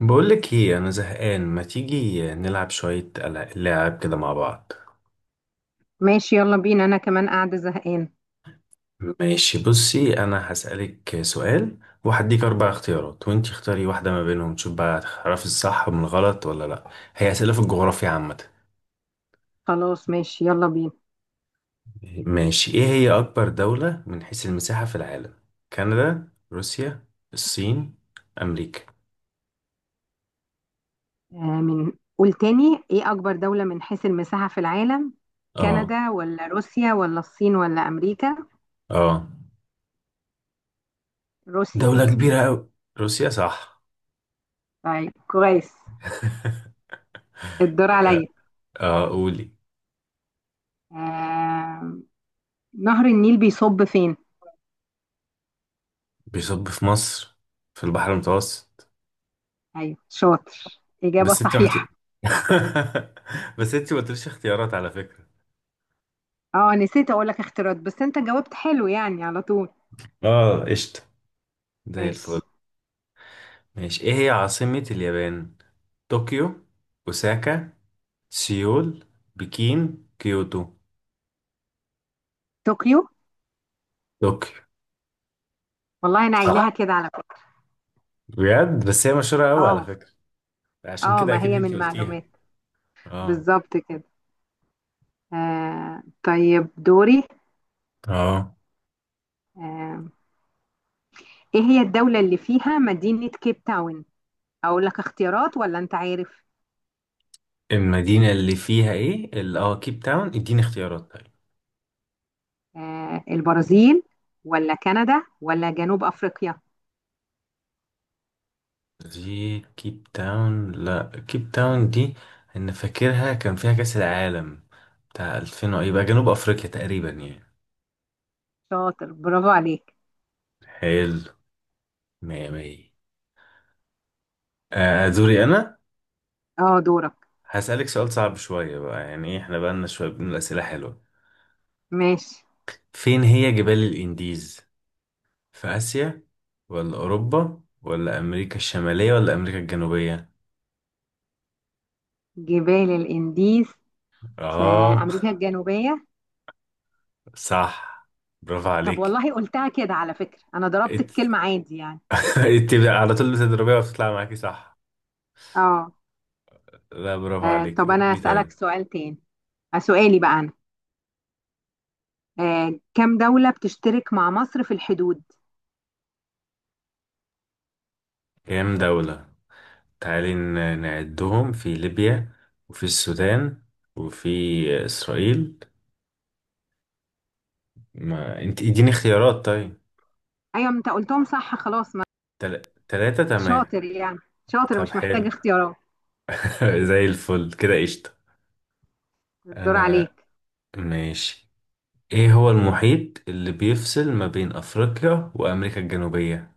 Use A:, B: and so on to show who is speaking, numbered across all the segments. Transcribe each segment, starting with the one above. A: بقولك ايه انا زهقان، ما تيجي نلعب شوية لعب كده مع بعض.
B: ماشي، يلا بينا. انا كمان قاعدة زهقان.
A: ماشي، بصي انا هسألك سؤال وهديك اربع اختيارات وانتي اختاري واحدة ما بينهم، تشوف بقى هتعرفي الصح من الغلط ولا لا. هي أسئلة في الجغرافيا عامة.
B: خلاص، ماشي، يلا بينا.
A: ماشي، ايه هي اكبر دولة من حيث المساحة في العالم؟ كندا، روسيا، الصين، امريكا؟
B: آه من قول تاني، ايه اكبر دولة من حيث المساحة في العالم؟
A: اه.
B: كندا ولا روسيا ولا الصين ولا امريكا؟
A: اه،
B: روسيا.
A: دولة كبيرة اوي. روسيا صح.
B: طيب، كويس. الدور عليا.
A: اه، قولي.
B: آه نهر النيل بيصب فين؟
A: بيصب في مصر، في البحر المتوسط.
B: ايوه، شاطر، اجابة
A: بس انت ما قلت-
B: صحيحة.
A: بس انت ما قلتليش اختيارات على فكرة.
B: اه، نسيت اقول لك اختيارات بس انت جاوبت حلو يعني على طول.
A: اه، قشطة، زي الفل.
B: ماشي.
A: ماشي، ايه هي عاصمة اليابان؟ طوكيو، اوساكا، سيول، بكين، كيوتو؟
B: طوكيو.
A: طوكيو.
B: والله انا
A: صح
B: قايلاها كده على فكرة.
A: بجد، بس هي مشهورة قوي على
B: اه.
A: فكرة، عشان
B: اه،
A: كده
B: ما
A: اكيد
B: هي
A: انت
B: من
A: قلتيها.
B: معلومات.
A: اه.
B: بالظبط كده. آه، طيب دوري.
A: اه،
B: آه ايه هي الدولة اللي فيها مدينة كيب تاون؟ اقول لك اختيارات ولا انت عارف؟
A: المدينة اللي فيها ايه، كيب تاون، اديني اختيارات طيب.
B: البرازيل ولا كندا ولا جنوب افريقيا؟
A: دي كيب تاون، لا كيب تاون دي انا فاكرها كان فيها كأس العالم بتاع 2000 يبقى جنوب افريقيا تقريبا يعني.
B: شاطر، برافو عليك.
A: حلو، مية مية. آه، آه، دوري انا.
B: اه، دورك.
A: هسألك سؤال صعب شوية بقى، يعني إيه، احنا بقالنا شوية بنقول أسئلة حلوة.
B: ماشي.
A: فين هي جبال الانديز؟ في آسيا ولا أوروبا ولا أمريكا الشمالية ولا أمريكا الجنوبية؟
B: جبال الانديز؟ في
A: اه.
B: امريكا الجنوبية.
A: صح، برافو
B: طب
A: عليك.
B: والله قلتها كده على فكرة، انا ضربت
A: إت-
B: الكلمة عادي يعني.
A: على طول بتضربيها وبتطلع معاكي صح.
B: اه.
A: لا برافو عليك،
B: طب
A: قول
B: انا
A: لي طيب.
B: اسألك سؤال تاني. سؤالي بقى انا. كم دولة بتشترك مع مصر في الحدود؟
A: كام دولة؟ تعالي نعدهم، في ليبيا وفي السودان وفي إسرائيل. ما انت اديني اختيارات طيب.
B: ايوه انت قلتهم صح، خلاص ما
A: تلاتة، تمام.
B: شاطر يعني. شاطر،
A: طب
B: مش محتاج
A: حلو.
B: اختيارات.
A: زي الفل كده، قشطة.
B: الدور
A: أنا.
B: عليك.
A: ماشي، ايه هو المحيط اللي بيفصل ما بين أفريقيا وأمريكا الجنوبية؟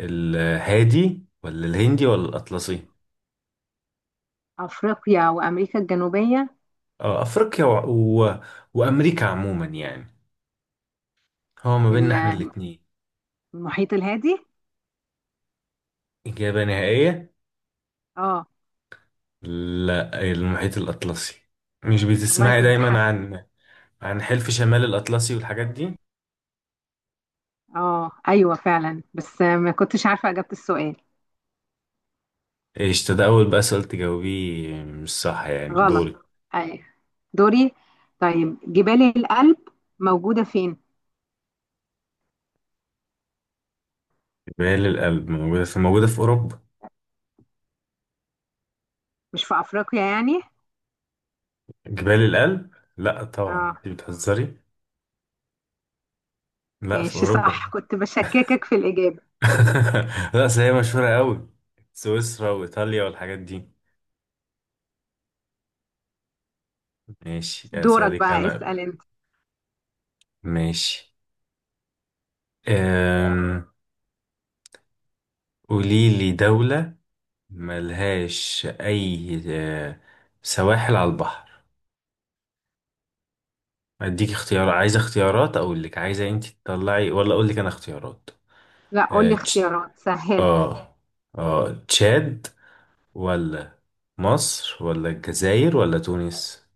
A: الهادي ولا الهندي ولا الأطلسي؟
B: افريقيا وامريكا الجنوبيه.
A: اه، أفريقيا و... وأمريكا عموما يعني، هو ما بيننا
B: ال-
A: احنا الاتنين.
B: المحيط الهادي.
A: إجابة نهائية.
B: اه.
A: لا، المحيط الأطلسي. مش
B: والله
A: بتسمعي
B: كنت
A: دايما
B: حاسه.
A: عن، عن حلف شمال الأطلسي والحاجات دي.
B: اه، ايوه فعلا بس ما كنتش عارفه اجابه السؤال.
A: ايش ده، أول بقى سؤال تجاوبيه مش صح يعني،
B: غلط.
A: دوري.
B: ايوه. دوري. طيب، جبال الألب موجوده فين؟
A: جبال الألب موجودة في أوروبا.
B: مش في افريقيا يعني؟
A: جبال الألب؟ لا طبعا،
B: اه.
A: انت بتهزري. لا في
B: ماشي، صح،
A: أوروبا.
B: كنت بشككك في الاجابه.
A: لا بس هي مشهورة قوي، سويسرا وإيطاليا والحاجات دي. ماشي،
B: دورك
A: أسألك
B: بقى،
A: أنا.
B: اسال انت.
A: ماشي. أم... قولي لي دولة ملهاش اي سواحل على البحر. اديك اختيار، عايزه اختيارات اقول لك، عايزه انت تطلعي ولا اقول لك انا اختيارات؟
B: لا، قول
A: اه
B: لي
A: تش-
B: اختيارات سهله.
A: اه تشاد ولا مصر ولا الجزائر ولا تونس؟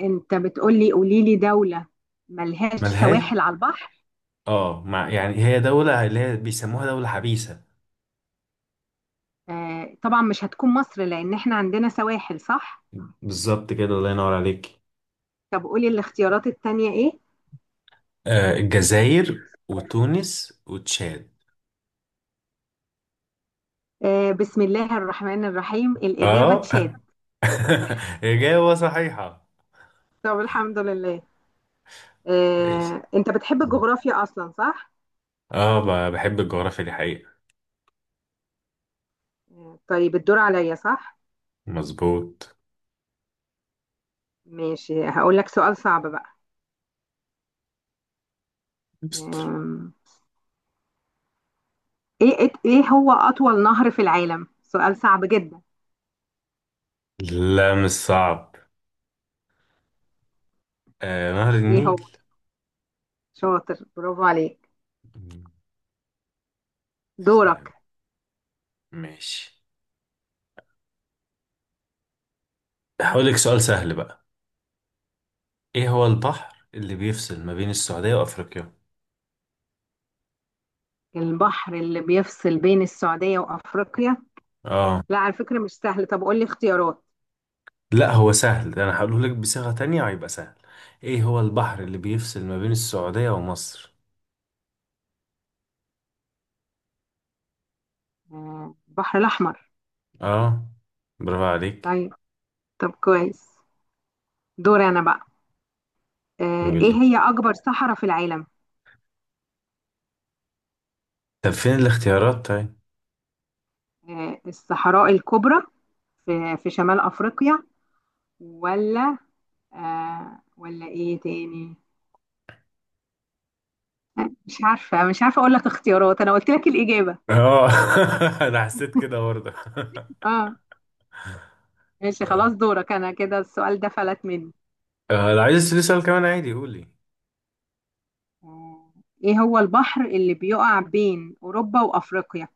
B: انت بتقولي قولي لي دولة ملهاش
A: ملهاش.
B: سواحل على البحر؟
A: اه، مع يعني، هي دولة اللي هي بيسموها دولة حبيسة.
B: آه طبعا مش هتكون مصر لان احنا عندنا سواحل، صح.
A: بالظبط كده، الله ينور عليك.
B: طب قولي الاختيارات التانية ايه؟
A: آه، الجزائر وتونس وتشاد.
B: بسم الله الرحمن الرحيم، الإجابة
A: اه.
B: تشاد.
A: إجابة صحيحة.
B: طب الحمد لله.
A: ايش.
B: انت بتحب الجغرافيا اصلا، صح؟
A: اه، بحب الجغرافيا دي حقيقة.
B: طيب الدور عليا، صح؟
A: مظبوط.
B: ماشي، هقول لك سؤال صعب بقى.
A: است-
B: آه ايه ايه إيه هو اطول نهر في العالم، سؤال صعب جدا؟
A: لا مش صعب. آه، نهر
B: ايه
A: النيل.
B: هو. شاطر، برافو عليك.
A: مم، تسلم.
B: دورك.
A: ماشي، هقولك سؤال سهل بقى. ايه هو البحر اللي بيفصل ما بين السعودية وافريقيا؟
B: البحر اللي بيفصل بين السعودية وأفريقيا؟
A: اه.
B: لا على فكرة مش سهل، طب قول لي اختيارات.
A: لا هو سهل، ده انا هقوله لك بصيغة تانية هيبقى سهل. ايه هو البحر اللي بيفصل ما بين السعودية ومصر؟
B: البحر الأحمر.
A: اه، برافو عليك.
B: طيب. طب كويس. دور أنا بقى.
A: قول
B: إيه
A: لي،
B: هي أكبر صحراء في العالم؟
A: طب فين الاختيارات طيب.
B: الصحراء الكبرى، في شمال أفريقيا. ولا ولا إيه تاني؟ مش عارفة، مش عارفة أقول لك اختيارات، أنا قلت لك الإجابة.
A: اه. انا حسيت كده برضه.
B: آه. ماشي، خلاص، دورك أنا، كده السؤال ده فلت مني.
A: آه، لو عايز تسألني سؤال كمان عادي قولي.
B: آه، إيه هو البحر اللي بيقع بين أوروبا وأفريقيا؟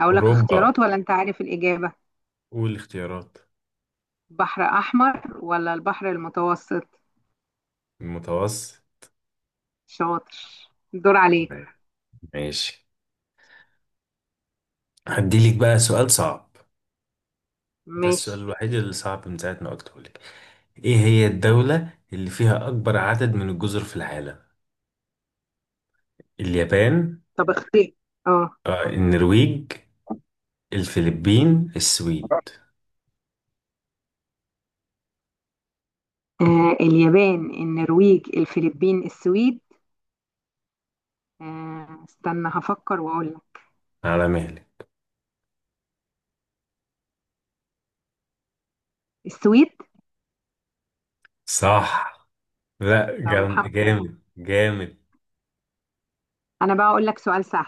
B: اقول لك
A: أوروبا.
B: اختيارات ولا انت عارف الاجابه؟
A: قول الاختيارات.
B: بحر احمر ولا البحر المتوسط؟
A: المتوسط.
B: شاطر. الدور عليك.
A: ماشي، هديلك بقى سؤال صعب. ده
B: ماشي.
A: السؤال الوحيد اللي صعب من ساعة ما قلته لك. إيه هي الدولة اللي فيها أكبر عدد من الجزر في العالم؟ اليابان،
B: طب اختار. اه.
A: آه، النرويج، الفلبين، السويد.
B: اليابان، النرويج، الفلبين، السويد. استنى هفكر واقول لك.
A: على مهلك.
B: السويد.
A: صح. لا،
B: طب
A: جامد
B: الحمد لله.
A: جامد جامد.
B: انا بقى اقول لك سؤال سهل.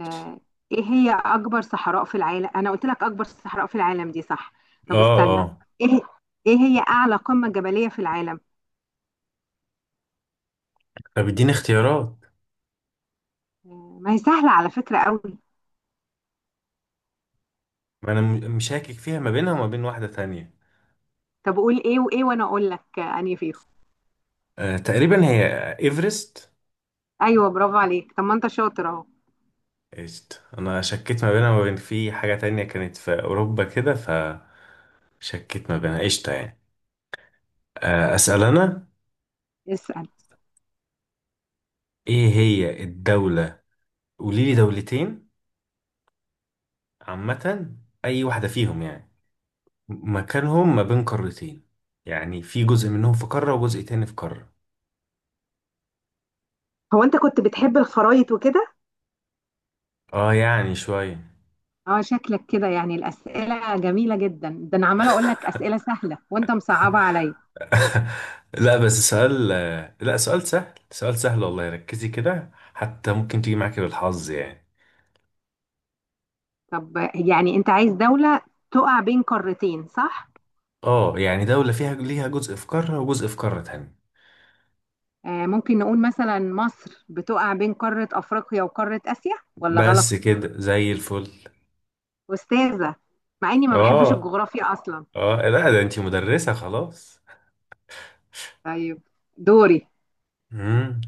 B: آه، ايه هي اكبر صحراء في العالم، انا قلت لك اكبر صحراء في العالم دي، صح؟
A: اه.
B: طب استنى.
A: اه،
B: ايه ايه هي اعلى قمة جبلية في العالم؟
A: طب اديني اختيارات.
B: ما هي سهلة على فكرة قوي.
A: ما انا مشاكك فيها ما بينها وما بين واحدة تانية.
B: طب قول ايه وايه وانا اقول لك انهي فيهم.
A: آه، تقريبا هي، ايفرست.
B: ايوه، برافو عليك، طب ما انت شاطر اهو.
A: إيست. انا شكيت ما بينها وما بين، في حاجة تانية كانت في اوروبا كده فشكيت ما بينها. قشطة يعني. آه، اسأل انا.
B: اسال.
A: ايه هي الدولة، قولي لي دولتين، عامة، اي واحدة فيهم يعني، مكانهم ما بين قارتين، يعني في جزء منهم في قارة وجزء تاني في قارة.
B: هو انت كنت بتحب الخرايط وكده؟
A: اه يعني شوية.
B: اه، شكلك كده يعني، الاسئله جميله جدا، ده انا عماله اقول لك اسئله سهله وانت مصعبه عليا.
A: لا بس سؤال، لا سؤال سهل، سؤال سهل والله، ركزي كده حتى ممكن تيجي معاكي بالحظ يعني.
B: طب يعني انت عايز دوله تقع بين قارتين، صح؟
A: اه يعني دولة فيها، ليها جزء في قارة وجزء في قارة تانية.
B: ممكن نقول مثلا مصر بتقع بين قاره افريقيا وقاره اسيا، ولا
A: بس
B: غلط؟
A: كده، زي الفل.
B: استاذه. مع اني ما بحبش
A: اه.
B: الجغرافيا اصلا.
A: اه، لا ده انتي مدرسة خلاص.
B: طيب. دوري.
A: امم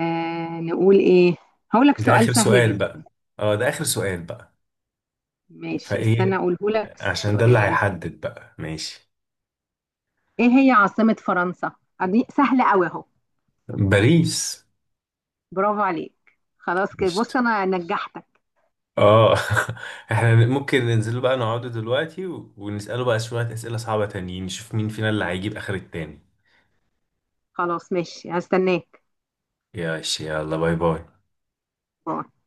B: نقول ايه. هقول لك
A: ده
B: سؤال
A: اخر
B: سهل
A: سؤال
B: جدا.
A: بقى. اه، ده اخر سؤال بقى.
B: ماشي، استنى
A: فايه؟
B: اقوله لك
A: عشان ده اللي
B: السؤال.
A: هيحدد بقى، ماشي.
B: ايه هي عاصمة فرنسا؟ دي سهلة قوي اهو.
A: باريس.
B: برافو عليك، خلاص كده
A: قشطة.
B: بص انا نجحتك.
A: اه. احنا ممكن ننزل بقى نقعد دلوقتي ونسأله بقى شوية أسئلة صعبة تانيين، نشوف مين فينا اللي هيجيب اخر التاني.
B: خلاص، ماشي، هستناك.
A: يا يلا، باي باي.
B: باي.